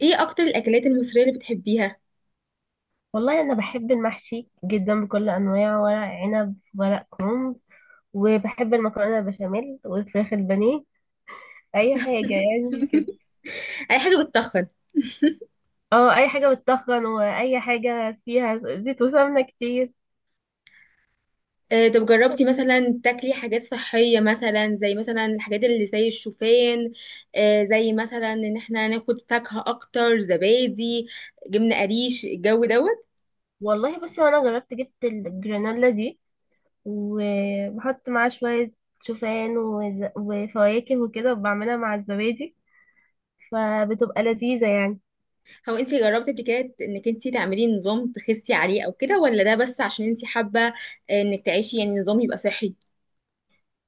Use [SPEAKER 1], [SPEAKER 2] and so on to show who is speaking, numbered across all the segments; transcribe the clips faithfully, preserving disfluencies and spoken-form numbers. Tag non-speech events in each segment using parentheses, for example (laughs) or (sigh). [SPEAKER 1] ايه اكتر الاكلات المصريه اللي بتحبيها؟
[SPEAKER 2] والله أنا بحب المحشي جدا بكل أنواعه، ورق عنب ورق كرنب، وبحب المكرونة البشاميل والفراخ البانيه، أي حاجة يعني كده.
[SPEAKER 1] اي حاجه بتتخن؟
[SPEAKER 2] اه، أي حاجة بتطخن وأي حاجة فيها زيت وسمنة كتير.
[SPEAKER 1] آه، طب جربتي مثلا تاكلي حاجات صحيه، مثلا زي مثلا الحاجات اللي زي الشوفان، آه، زي مثلا ان احنا ناخد فاكهه اكتر، زبادي، جبنه قريش الجو دوت.
[SPEAKER 2] والله بصي، وأنا جربت جبت الجرانولا دي، وبحط معاها شوية شوفان وز- وفواكه وكده، وبعملها مع الزبادي، فبتبقى لذيذة يعني.
[SPEAKER 1] هو انت جربتي قبل كده انك انت تعملي نظام تخسي عليه او كده، ولا ده بس عشان انت حابه آه، انك تعيشي، يعني نظام يبقى صحي؟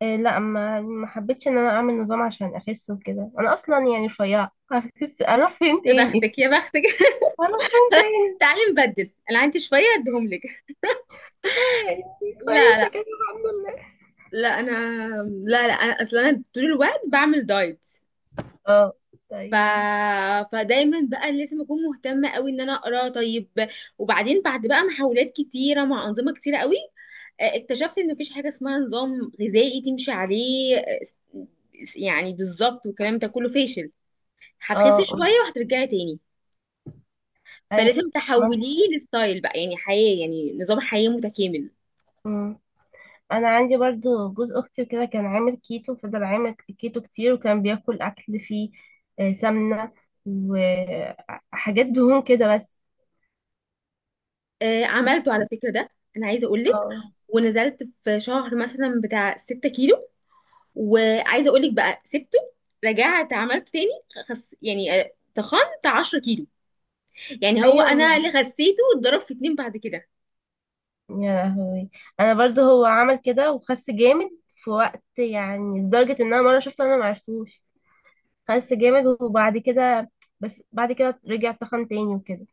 [SPEAKER 2] إيه لا، ما ما حبيتش ان انا اعمل نظام عشان اخس وكده، انا اصلا يعني رفيعه، هخس اروح فين
[SPEAKER 1] يا
[SPEAKER 2] تاني؟
[SPEAKER 1] بختك يا بختك.
[SPEAKER 2] اروح فين
[SPEAKER 1] (laughs)
[SPEAKER 2] تاني؟
[SPEAKER 1] تعالي نبدل، انا عندي شويه اديهم لك.
[SPEAKER 2] آه يعني
[SPEAKER 1] لا،
[SPEAKER 2] كويسه
[SPEAKER 1] لا.
[SPEAKER 2] كده، الحمد لله.
[SPEAKER 1] لا انا. لا لا، انا اصلا انا طول الوقت بعمل دايت.
[SPEAKER 2] اه.
[SPEAKER 1] ف...
[SPEAKER 2] طيب.
[SPEAKER 1] فدايما بقى لازم اكون مهتمه قوي ان انا اقرا طيب، وبعدين بعد بقى محاولات كتيره مع انظمه كتيره قوي، آه، اكتشفت ان مفيش حاجه اسمها نظام غذائي تمشي عليه. آه، س- يعني بالظبط، والكلام ده كله فاشل.
[SPEAKER 2] اه،
[SPEAKER 1] هتخسي شويه
[SPEAKER 2] قولي.
[SPEAKER 1] وهترجعي تاني.
[SPEAKER 2] اي.
[SPEAKER 1] فلازم
[SPEAKER 2] ما-
[SPEAKER 1] تحوليه لستايل بقى، يعني حياه، يعني نظام حياه متكامل.
[SPEAKER 2] مم. انا عندي برضو جوز اختي كده، كان عامل كيتو، فضل عامل كيتو كتير، وكان بياكل اكل فيه آه، سمنه وحاجات دهون كده بس.
[SPEAKER 1] آه، عملته على فكره ده، انا عايزه اقول لك،
[SPEAKER 2] اه.
[SPEAKER 1] ونزلت في شهر مثلا بتاع 6 كيلو، وعايزه اقول لك بقى سبته، رجعت عملته تاني، خس يعني آه، تخنت 10 كيلو. يعني هو
[SPEAKER 2] ايوه.
[SPEAKER 1] انا اللي خسيته واتضرب في اتنين بعد كده.
[SPEAKER 2] يا لهوي. انا برضو هو عمل كده وخس جامد في وقت يعني، لدرجة ان انا مرة شفته انا معرفتوش، خس جامد وبعد كده. بس بعد كده رجع تخن تاني وكده.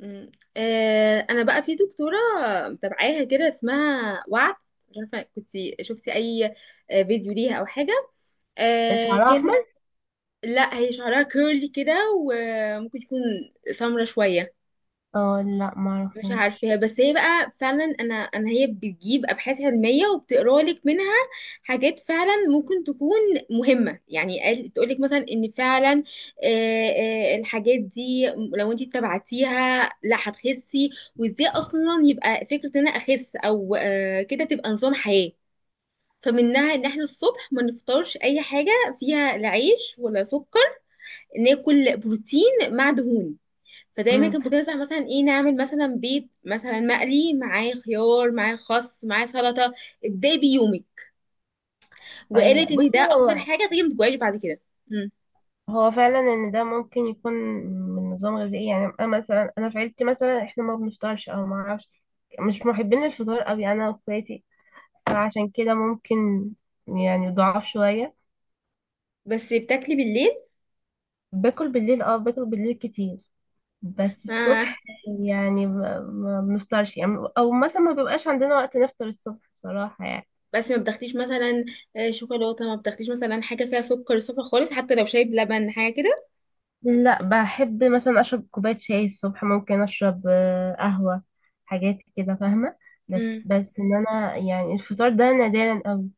[SPEAKER 1] مم. آه انا بقى في دكتوره متابعاها كده، اسمها وعد. مش عارفه كنت شفتي اي آه، فيديو ليها او حاجه. آه
[SPEAKER 2] شعره احمر؟
[SPEAKER 1] كانت. لا، هي شعرها كيرلي كده، وممكن تكون سمرة شويه.
[SPEAKER 2] اه لا،
[SPEAKER 1] مش
[SPEAKER 2] معرفوش.
[SPEAKER 1] عارفاها، بس هي بقى فعلا انا انا هي بتجيب ابحاث علميه وبتقرا لك منها حاجات فعلا ممكن تكون مهمه. يعني قال- تقول لك مثلا ان فعلا آه، آه، الحاجات دي لو انت اتبعتيها لا هتخسي، وازاي اصلا يبقى فكره ان انا اخس، او آه، كده تبقى نظام حياه. فمنها ان احنا الصبح ما نفطرش اي حاجه فيها لا عيش ولا سكر، ناكل بروتين مع دهون. فدايما
[SPEAKER 2] امم.
[SPEAKER 1] كانت بتنصح مثلا، ايه نعمل مثلا بيض مثلا مقلي معاه خيار معاه خس معاه سلطه، ابداي بيومك. وقالت
[SPEAKER 2] ايوه
[SPEAKER 1] ان ده
[SPEAKER 2] بصي،
[SPEAKER 1] اكتر
[SPEAKER 2] هو
[SPEAKER 1] حاجه تيجي ما تجوعيش بعد كده. مم.
[SPEAKER 2] هو فعلا ان ده ممكن يكون من نظام غذائي يعني، انا مثلا انا في عيلتي، مثلا احنا ما بنفطرش، او ما اعرفش، مش محبين الفطار قوي انا واخواتي، فعشان كده ممكن يعني ضعاف شوية.
[SPEAKER 1] بس بتاكلي بالليل.
[SPEAKER 2] باكل بالليل، اه باكل بالليل كتير، بس
[SPEAKER 1] آه.
[SPEAKER 2] الصبح يعني ما ما بنفطرش يعني، او مثلا ما بيبقاش عندنا وقت نفطر الصبح بصراحة يعني.
[SPEAKER 1] بس ما بتاخديش مثلا آه، شوكولاته، ما بتاخديش مثلا حاجه فيها سكر صفر خالص، حتى لو شاي بلبن حاجه كده؟
[SPEAKER 2] لا، بحب مثلا اشرب كوباية شاي الصبح، ممكن اشرب آه، قهوة، حاجات كده، فاهمة؟ بس
[SPEAKER 1] امم،
[SPEAKER 2] بس ان انا يعني الفطار ده نادرا قوي،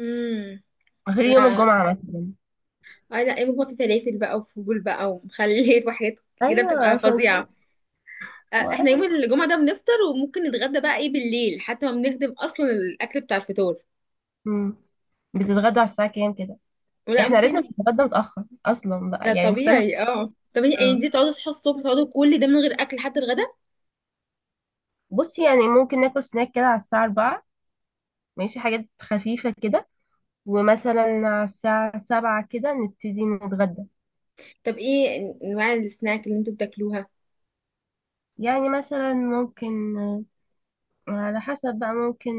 [SPEAKER 1] امم.
[SPEAKER 2] غير يوم
[SPEAKER 1] لا،
[SPEAKER 2] الجمعة مثلا.
[SPEAKER 1] آه لا، ايه بقى في فلافل بقى، وفول بقى، ومخليت، وحاجات كده
[SPEAKER 2] ايوه،
[SPEAKER 1] بتبقى
[SPEAKER 2] عشان كده.
[SPEAKER 1] فظيعه. آه،
[SPEAKER 2] ما-
[SPEAKER 1] احنا يوم
[SPEAKER 2] أيوة.
[SPEAKER 1] الجمعة ده بنفطر، وممكن نتغدى بقى ايه بالليل، حتى ما بنهدم اصلا الاكل بتاع الفطور.
[SPEAKER 2] مم. بتتغدوا على الساعة كام كده؟
[SPEAKER 1] لا،
[SPEAKER 2] احنا عيلتنا
[SPEAKER 1] ممكن.
[SPEAKER 2] بتتغدى متأخر اصلا
[SPEAKER 1] ده
[SPEAKER 2] بقى، يعني مختلفة.
[SPEAKER 1] طبيعي، اه طبيعي، يعني
[SPEAKER 2] آه.
[SPEAKER 1] دي بتقعدوا تصحوا الصبح، تقعدوا كل ده من غير اكل حتى الغدا؟
[SPEAKER 2] بصي يعني ممكن ناكل سناك كده على الساعة الرابعة، ماشي، حاجات خفيفة كده، ومثلا على الساعة سبعة كده نبتدي نتغدى.
[SPEAKER 1] طب ايه انواع السناك اللي انتوا بتاكلوها؟
[SPEAKER 2] يعني مثلا ممكن، آه، على حسب بقى، ممكن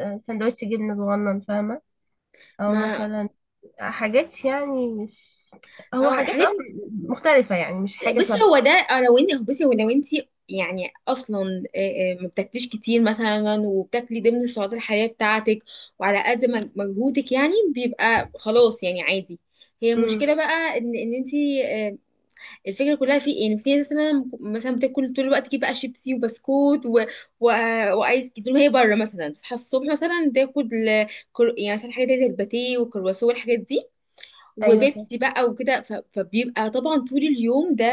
[SPEAKER 2] آه، سندوتش جبنة صغنن، فاهمة؟ أو
[SPEAKER 1] ما،
[SPEAKER 2] مثلا حاجات يعني، مش هو
[SPEAKER 1] اه
[SPEAKER 2] حاجات اه
[SPEAKER 1] حاجات.
[SPEAKER 2] مختلفة، يعني مش حاجة
[SPEAKER 1] بصي
[SPEAKER 2] ثابتة.
[SPEAKER 1] هو ده، آه، لو انت، بصي هو لو انت، يعني اصلا آه، آه، ما بتاكليش كتير مثلا، وبتاكلي ضمن السعرات الحراريه بتاعتك، وعلى قد مج- مجهودك، يعني بيبقى خلاص يعني عادي. هي
[SPEAKER 2] امم.
[SPEAKER 1] المشكله بقى ان ان انت، الفكره كلها في إيه؟ ان في ناس مثلا مثلا بتاكل طول الوقت، تجيب بقى شيبسي وبسكوت، و... و... وايس كريم، طول ما هي بره. مثلا تصحى الصبح مثلا تاخد ال... كر- يعني مثلا حاجات زي الباتيه والكرواسون والحاجات دي،
[SPEAKER 2] أيوة صح.
[SPEAKER 1] وبيبسي بقى وكده، ف... فبيبقى طبعا طول اليوم ده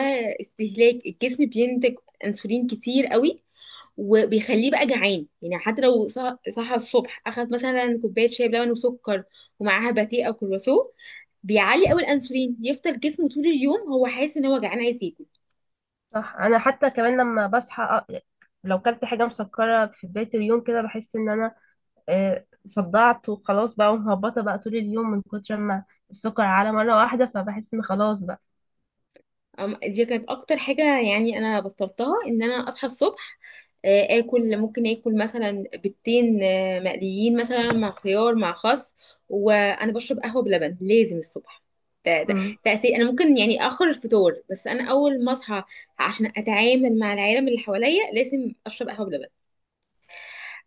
[SPEAKER 1] استهلاك الجسم بينتج انسولين كتير قوي، وبيخليه بقى جعان. يعني حتى لو صح- صحى الصبح، اخد مثلا كوبايه شاي بلبن وسكر، ومعاها باتيه او كرواسون، بيعلي قوي الانسولين، يفضل جسمه طول اليوم هو حاسس ان هو جعان عايز ياكل.
[SPEAKER 2] صح. أنا حتى كمان لما بصحى، آه، لو كلت حاجة مسكرة في بداية اليوم كده، بحس إن أنا آه، صدعت وخلاص بقى، ومهبطة بقى طول اليوم من كتر ما السكر على مرة واحدة، فبحس إن خلاص بقى.
[SPEAKER 1] أم- دي كانت اكتر حاجة يعني انا بطلتها، ان انا اصحى الصبح آه، اكل، ممكن اكل مثلا بيضتين آه، مقليين مثلا مع خيار مع خس، وانا بشرب قهوة بلبن لازم الصبح. ده ده تأثير، انا ممكن يعني اخر الفطور، بس انا اول ما اصحى عشان اتعامل مع العالم اللي حواليا لازم اشرب قهوة بلبن.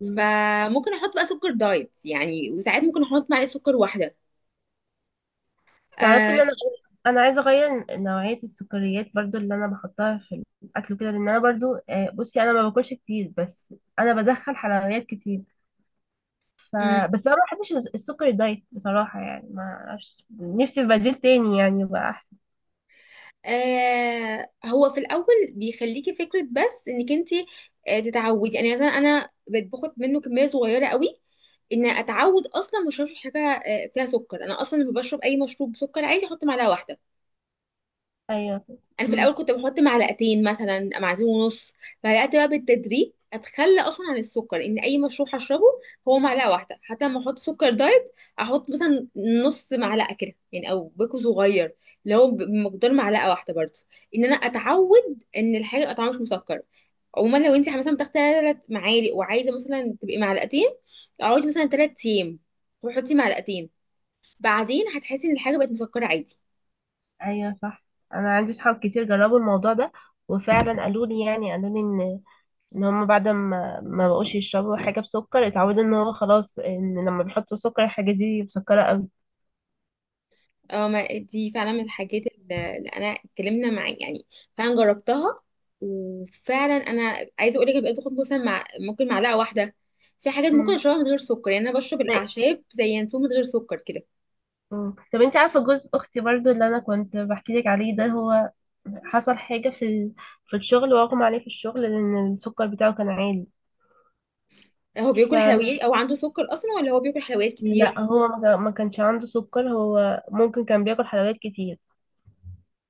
[SPEAKER 2] امم.
[SPEAKER 1] فممكن احط بقى سكر دايت يعني، وساعات ممكن احط معلقة سكر واحدة.
[SPEAKER 2] تعرفي ان
[SPEAKER 1] آه.
[SPEAKER 2] انا انا عايزه اغير نوعيه السكريات برضو، اللي انا بحطها في الاكل كده، لان انا برضو آه، بصي انا ما باكلش كتير، بس انا بدخل حلويات كتير. ف بس انا ما بحبش الس- السكر دايت بصراحه، يعني ما اعرفش نفسي في بديل تاني يعني يبقى احسن.
[SPEAKER 1] آه، هو في الاول بيخليكي فكره، بس انك انت آه تتعودي. يعني مثلا انا بقيت باخد منه كميه صغيره قوي، ان اتعود اصلا مش هشرب حاجه آه فيها سكر. انا اصلا لما بشرب اي مشروب بسكر عادي احط معلقه واحده.
[SPEAKER 2] ايوه.
[SPEAKER 1] انا في الاول
[SPEAKER 2] امم.
[SPEAKER 1] كنت بحط معلقتين، مثلا معلقتين ونص. بدات بقى بالتدريج اتخلى اصلا عن السكر، ان اي مشروب هشربه هو معلقه واحده. حتى لما احط سكر دايت احط مثلا نص معلقه كده، يعني او بيكو صغير اللي هو ب- بمقدار معلقه واحده برضه، ان انا اتعود ان الحاجه يبقى طعمها مش مسكر. عموما لو انت مثلا بتاخدي ثلاث معالق وعايزه مثلا تبقي معلقتين، اقعدي مثلا ثلاث ايام وحطي معلقتين، بعدين هتحسي ان الحاجه بقت مسكره عادي.
[SPEAKER 2] ايوه صح. انا عندي صحاب كتير جربوا الموضوع ده، وفعلا قالوا لي، يعني قالوا لي ان ان هم بعد ما ما بقوش يشربوا حاجه بسكر، اتعودوا ان هو خلاص، ان لما بيحطوا سكر الحاجه دي مسكره قوي.
[SPEAKER 1] اه، ما دي فعلا من الحاجات اللي اللي انا اتكلمنا معاه، يعني فعلا جربتها، وفعلا انا عايزه اقول لك بقيت باخد مثلا مع، ممكن معلقه واحده. في حاجات ممكن
[SPEAKER 2] امم.
[SPEAKER 1] اشربها من غير سكر، يعني انا بشرب الاعشاب زي ينسون من غير سكر كده.
[SPEAKER 2] مم. طب انت عارفة جوز اختي برضو اللي انا كنت بحكي لك عليه ده، هو حصل حاجة في ال... في الشغل، واغمى عليه في الشغل لان السكر بتاعه كان عالي.
[SPEAKER 1] هو
[SPEAKER 2] ف
[SPEAKER 1] بياكل حلويات او عنده سكر اصلا، ولا هو بياكل حلويات كتير؟
[SPEAKER 2] لا هو ما كان- ما كانش عنده سكر، هو ممكن كان بياكل حلويات كتير،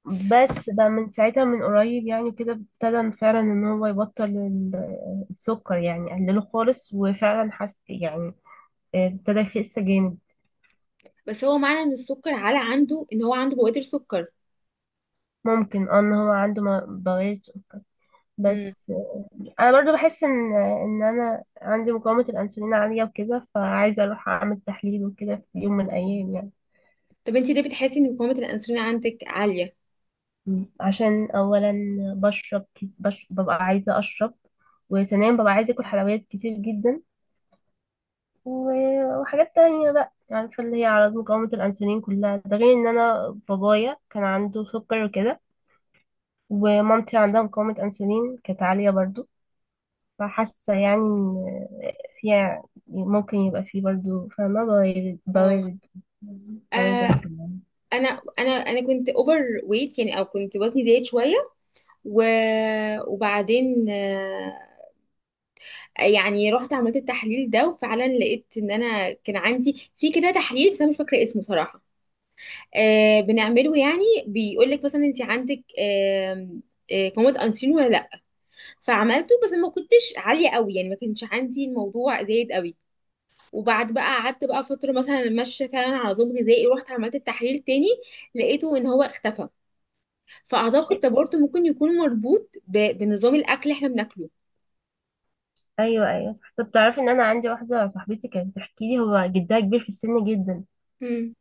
[SPEAKER 2] بس بقى من ساعتها، من قريب يعني كده ابتدى فعلا ان هو يبطل ال- السكر، يعني قلله خالص وفعلا حس يعني ابتدى يخس جامد.
[SPEAKER 1] بس هو معنى ان السكر على عنده ان هو عنده بوادر سكر؟
[SPEAKER 2] ممكن، اه ان هو عنده بواسير،
[SPEAKER 1] امم.
[SPEAKER 2] بس. انا برضو بحس ان ان انا عندي مقاومة الانسولين عالية وكده، فعايزة اروح اعمل تحليل وكده في يوم من الايام يعني.
[SPEAKER 1] طب انت ليه بتحسي ان مقاومه الانسولين عندك عاليه؟
[SPEAKER 2] مم. عشان اولا بشرب كت- بش... ببقى عايزة اشرب، وثانيا ببقى عايزة اكل حلويات كتير جدا، و- وحاجات تانية بقى، يعني فاللي هي اعراض مقاومة الانسولين كلها، ده غير ان انا بابايا كان عنده سكر وكده، ومامتي عندها مقاومة انسولين كانت عالية برضو، فحاسة يعني إن فيها ممكن يبقى فيه برضو، فاهمة؟ بوارد
[SPEAKER 1] اه.
[SPEAKER 2] بوارد بوادر
[SPEAKER 1] آه،
[SPEAKER 2] في الموضوع.
[SPEAKER 1] انا انا انا كنت اوفر ويت، يعني او كنت وزني زايد شويه، و... وبعدين آه، يعني رحت عملت التحليل ده، وفعلا لقيت ان انا كان عندي، في كده تحليل بس انا مش فاكره اسمه صراحه، آه بنعمله، يعني بيقول لك مثلا انت عندك آه، آه، قوامة انسولين ولا لا. فعملته بس ما كنتش عاليه قوي، يعني ما كانش عندي الموضوع زايد قوي. وبعد بقى قعدت بقى فتره مثلا ماشيه فعلا على نظام غذائي، ورحت عملت التحليل تاني، لقيته ان هو اختفى. فاعتقد ده برضه ممكن يكون مربوط ب... بنظام الاكل اللي احنا بناكله.
[SPEAKER 2] أيوة، أيوة، صح. طب تعرفي إن أنا عندي واحدة صاحبتي كانت بتحكي لي، هو جدها كبير في السن جدا،
[SPEAKER 1] مم.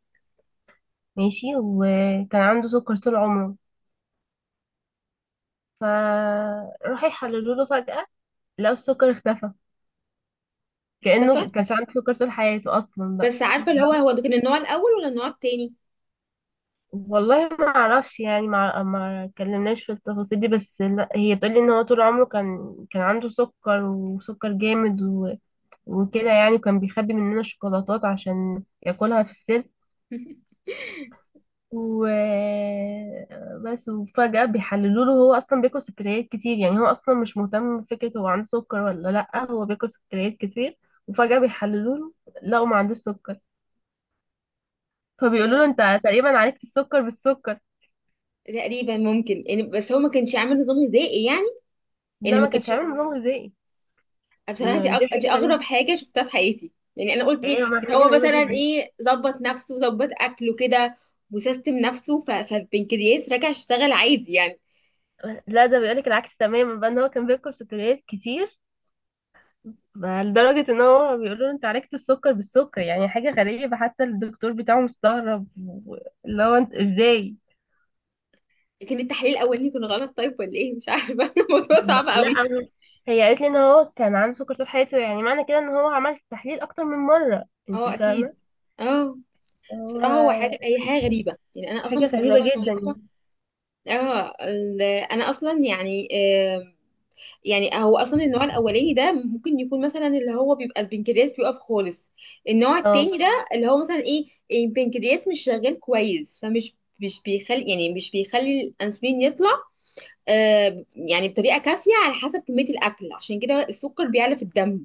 [SPEAKER 2] ماشي، وكان عنده سكر طول عمره، فراح يحللوا له فجأة، لقوا السكر اختفى،
[SPEAKER 1] ده،
[SPEAKER 2] كأنه كانش عنده سكر طول حياته أصلا بقى.
[SPEAKER 1] بس عارفه اللي هو هو ده كان النوع الاول ولا النوع التاني؟
[SPEAKER 2] والله ما اعرفش يعني، ما ما اتكلمناش في التفاصيل دي، بس لا هي تقول لي ان هو طول عمره كان كان عنده سكر وسكر جامد، و... وكده يعني، وكان بيخبي مننا الشوكولاتات عشان ياكلها في السر،
[SPEAKER 1] (laughs)
[SPEAKER 2] و بس. وفجأة بيحللوا له، هو اصلا بياكل سكريات كتير، يعني هو اصلا مش مهتم بفكرة هو عنده سكر ولا لا، هو بياكل سكريات كتير، وفجأة بيحللوا له، لقوا ما عندوش سكر، فبيقولوا
[SPEAKER 1] آه،
[SPEAKER 2] له انت تقريبا عالجت السكر بالسكر.
[SPEAKER 1] تقريبا ممكن يعني، بس هو ما كانش عامل نظام غذائي، يعني يعني
[SPEAKER 2] لا،
[SPEAKER 1] ما
[SPEAKER 2] ما كانش
[SPEAKER 1] كانش.
[SPEAKER 2] عامل نظام غذائي.
[SPEAKER 1] بصراحه، دي
[SPEAKER 2] آه، دي
[SPEAKER 1] أغ- دي
[SPEAKER 2] حاجة غريبة.
[SPEAKER 1] اغرب حاجه شفتها في حياتي. يعني انا قلت ايه،
[SPEAKER 2] ايوه، ما
[SPEAKER 1] كان
[SPEAKER 2] حاجه
[SPEAKER 1] هو
[SPEAKER 2] غريبه
[SPEAKER 1] مثلا
[SPEAKER 2] جدا.
[SPEAKER 1] ايه، ظبط نفسه، ظبط اكله كده، وسيستم نفسه، ف- فالبنكرياس رجع يشتغل عادي يعني.
[SPEAKER 2] لا، ده بيقولك العكس تماما بقى، ان هو كان بياكل سكريات كتير، بقى لدرجه ان هو بيقولوا له انت عالجت السكر بالسكر، يعني حاجه غريبه، حتى الدكتور بتاعه مستغرب. و- اللي هو انت ازاي؟
[SPEAKER 1] كان التحليل الاولاني كان غلط طيب، ولا ايه؟ مش عارفه. (laughs) الموضوع صعب
[SPEAKER 2] ما- لا
[SPEAKER 1] قوي.
[SPEAKER 2] أنا- هي قالت لي ان هو كان عنده سكر طول حياته، يعني معنى كده ان هو عمل تحليل اكتر من مره، انت
[SPEAKER 1] اه اكيد.
[SPEAKER 2] فاهمه؟
[SPEAKER 1] اه.
[SPEAKER 2] هو
[SPEAKER 1] بصراحه هو حاجه، هي حاجه
[SPEAKER 2] يعني
[SPEAKER 1] غريبه، يعني انا اصلا
[SPEAKER 2] حاجه غريبه
[SPEAKER 1] مستغربه
[SPEAKER 2] جدا.
[SPEAKER 1] الموضوع. اه ال- انا اصلا يعني، آه، يعني هو اصلا النوع الاولاني ده ممكن يكون مثلا، اللي هو بيبقى البنكرياس بيقف خالص. النوع
[SPEAKER 2] اه،
[SPEAKER 1] التاني ده اللي هو مثلا ايه، البنكرياس مش شغال كويس، فمش، مش بيخلي يعني مش بيخلي الانسولين يطلع آه يعني بطريقه كافيه، على حسب كميه الاكل، عشان كده السكر بيعلى في الدم.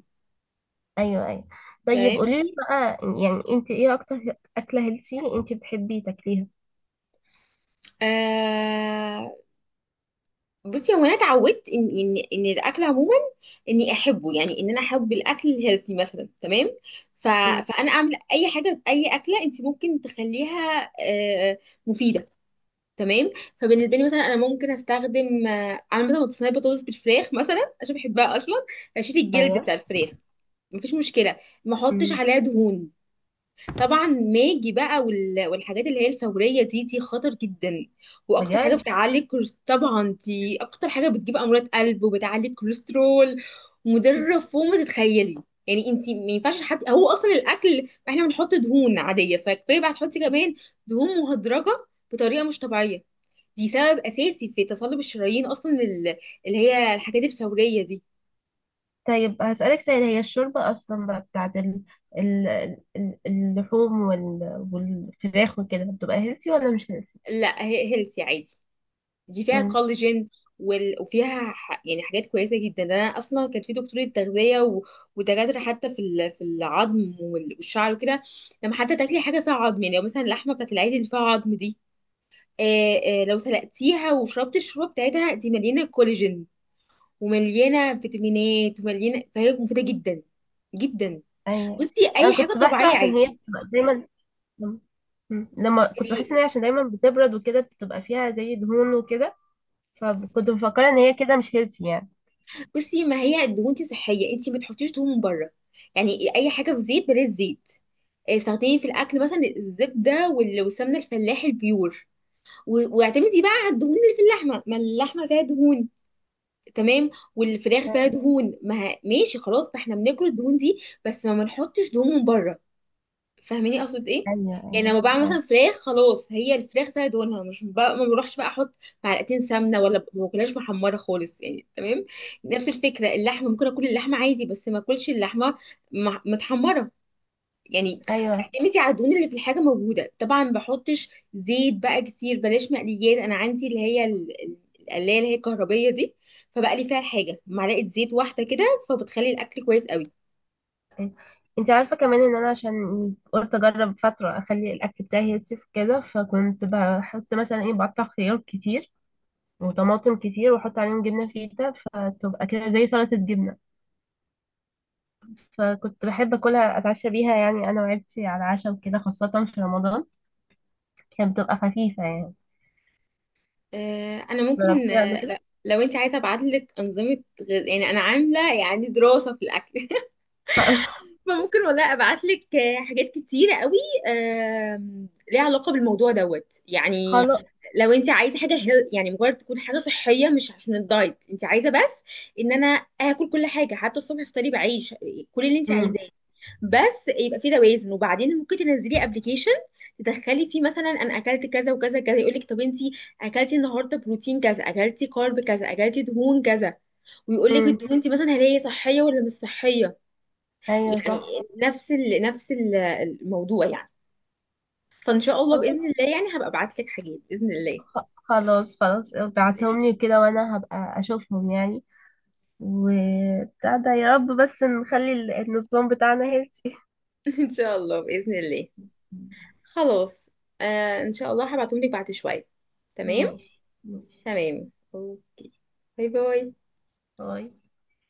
[SPEAKER 2] ايوه ايوه. طيب
[SPEAKER 1] تمام.
[SPEAKER 2] قولي لي بقى، يعني انت ايه اكتر اكله هيلسي انت بتحبي تاكليها؟
[SPEAKER 1] آه، بصي هو انا اتعودت ان ان ان الاكل عموما اني احبه، يعني ان انا احب الاكل الهيلثي مثلا. تمام. ف،
[SPEAKER 2] امم.
[SPEAKER 1] فانا اعمل اي حاجه، اي اكله انت ممكن تخليها آه، مفيده. تمام. فبالنسبه لي مثلا، انا ممكن استخدم آه، اعمل مثلا صينيه بطاطس بالفراخ مثلا عشان بحبها اصلا، اشيل الجلد
[SPEAKER 2] ايوه.
[SPEAKER 1] بتاع الفراخ، مفيش مشكله، ما احطش
[SPEAKER 2] مم.
[SPEAKER 1] عليها دهون. طبعا ماجي بقى، وال- والحاجات اللي هي الفورية دي دي خطر جدا، واكتر حاجة
[SPEAKER 2] بجد؟
[SPEAKER 1] بتعلي الكولس- طبعا دي اكتر حاجة بتجيب امراض قلب وبتعلي الكوليسترول، مضرة فوق ما تتخيلي. يعني انتي ما ينفعش حد، هو اصلا الاكل احنا بنحط دهون عادية، فكفاية بقى تحطي كمان دهون مهدرجة بطريقة مش طبيعية. دي سبب اساسي في تصلب الشرايين، اصلا ال- اللي هي الحاجات الفورية دي.
[SPEAKER 2] طيب هسألك سؤال، هي الشوربة أصلا بقى بتاعت ال... ال... ال- اللحوم وال... والفراخ وكده، بتبقى هيلثي ولا مش هيلثي؟
[SPEAKER 1] لا هي هيلثي عادي، دي فيها
[SPEAKER 2] مم.
[SPEAKER 1] كولاجين، وال... وفيها ح... يعني حاجات كويسه جدا. ده انا اصلا كان في دكتوره تغذيه، و... ودكاتره حتى في ال... في العظم، وال... والشعر وكده، لما حتى تاكلي حاجه فيها عظم، يعني لو مثلا اللحمه بتاعت العيد اللي فيها عظم دي، آه آه، لو سلقتيها وشربت الشوربه بتاعتها، دي مليانه كولاجين، ومليانه فيتامينات، ومليانه، فهي مفيده جدا جدا.
[SPEAKER 2] أيوة.
[SPEAKER 1] بصي
[SPEAKER 2] أنا
[SPEAKER 1] اي حاجه
[SPEAKER 2] كنت بحسب
[SPEAKER 1] طبيعيه
[SPEAKER 2] عشان هي
[SPEAKER 1] عادي
[SPEAKER 2] بتبقى دايما. مم. مم. لما كنت بحس إن
[SPEAKER 1] يعني.
[SPEAKER 2] هي عشان دايما بتبرد وكده، بتبقى فيها زي دهون وكده، فكنت مفكرة إن هي كده مش هيلثي يعني.
[SPEAKER 1] بصي ما هي الدهون دي صحيه، انت ما تحطيش دهون من بره. يعني اي حاجه في زيت، بلاش زيت. استخدمي في الاكل مثلا الزبده، وال- والسمنه الفلاحي البيور، و- واعتمدي بقى على الدهون اللي في اللحمه، ما اللحمه فيها دهون. تمام. والفراخ فيها
[SPEAKER 2] أيوة،
[SPEAKER 1] دهون، ما ه- ماشي خلاص، ما احنا بناكل الدهون دي، بس ما ما نحطش دهون من بره. فاهماني اقصد ايه؟
[SPEAKER 2] أيوة،
[SPEAKER 1] يعني لما بعمل مثلا
[SPEAKER 2] أيوة،
[SPEAKER 1] فراخ، خلاص هي الفراخ فيها دهونها، مش بقى ما بروحش بقى احط معلقتين سمنه، ولا ب- ما باكلهاش محمره خالص، يعني تمام. نفس الفكره، اللحمه ممكن اكل اللحمه عادي، بس ما اكلش اللحمه مح- متحمره يعني.
[SPEAKER 2] أيوة.
[SPEAKER 1] اعتمدي على الدهون اللي في الحاجه موجوده، طبعا ما بحطش زيت بقى كتير، بلاش مقليات. انا عندي اللي هي ال- ال- القلايه اللي هي الكهربيه دي، فبقلي فيها الحاجه معلقه زيت واحده كده، فبتخلي الاكل كويس قوي.
[SPEAKER 2] انت عارفة كمان ان انا عشان قلت اجرب فترة اخلي الاكل بتاعي هيلثي كده، فكنت بحط مثلا ايه؟ بقطع خيار كتير وطماطم كتير واحط عليهم جبنة فيتا، فتبقى كده زي سلطة جبنة، فكنت بحب اكلها اتعشى بيها يعني انا وعيلتي على العشاء وكده، خاصة في رمضان كانت بتبقى خفيفة يعني.
[SPEAKER 1] آه، انا ممكن،
[SPEAKER 2] جربتيها قبل
[SPEAKER 1] آه،
[SPEAKER 2] كده؟
[SPEAKER 1] لا، لو انت عايزه ابعت لك انظمه غذاء، يعني انا عامله يعني دراسه في الاكل. (laughs) فممكن والله ابعت لك حاجات كتيره قوي، آم، ليها علاقه بالموضوع دوت يعني.
[SPEAKER 2] خلاص.
[SPEAKER 1] لو انت عايزه حاجه هيل، يعني مجرد تكون حاجه صحيه، مش عشان الدايت انت عايزه، بس ان انا اكل كل حاجه، حتى الصبح افطري بعيش، كل اللي انت
[SPEAKER 2] امم.
[SPEAKER 1] عايزاه، بس يبقى في توازن. وبعدين ممكن تنزلي ابلكيشن، تدخلي فيه مثلا انا اكلت كذا وكذا كذا، يقول لك طب انت اكلتي النهارده بروتين كذا، اكلتي كارب كذا، اكلتي دهون كذا، ويقول لك
[SPEAKER 2] امم.
[SPEAKER 1] الدهون دي مثلا هل هي صحيه ولا مش صحيه.
[SPEAKER 2] ايوه
[SPEAKER 1] يعني
[SPEAKER 2] صح.
[SPEAKER 1] نفس ال، نفس ال- الموضوع يعني. فان شاء الله
[SPEAKER 2] خلاص،
[SPEAKER 1] باذن الله يعني هبقى ابعت لك حاجات باذن الله.
[SPEAKER 2] خ- خلاص، خلاص، ابعتهم لي كده وانا هبقى اشوفهم يعني، وبتاع ده، يا رب بس نخلي ال- النظام بتاعنا هيلثي.
[SPEAKER 1] (laughs) ان شاء الله باذن الله. خلاص. آه ان شاء الله هبعتهم لك بعد شويه. تمام.
[SPEAKER 2] ماشي، ماشي.
[SPEAKER 1] تمام اوكي. باي باي.
[SPEAKER 2] باي.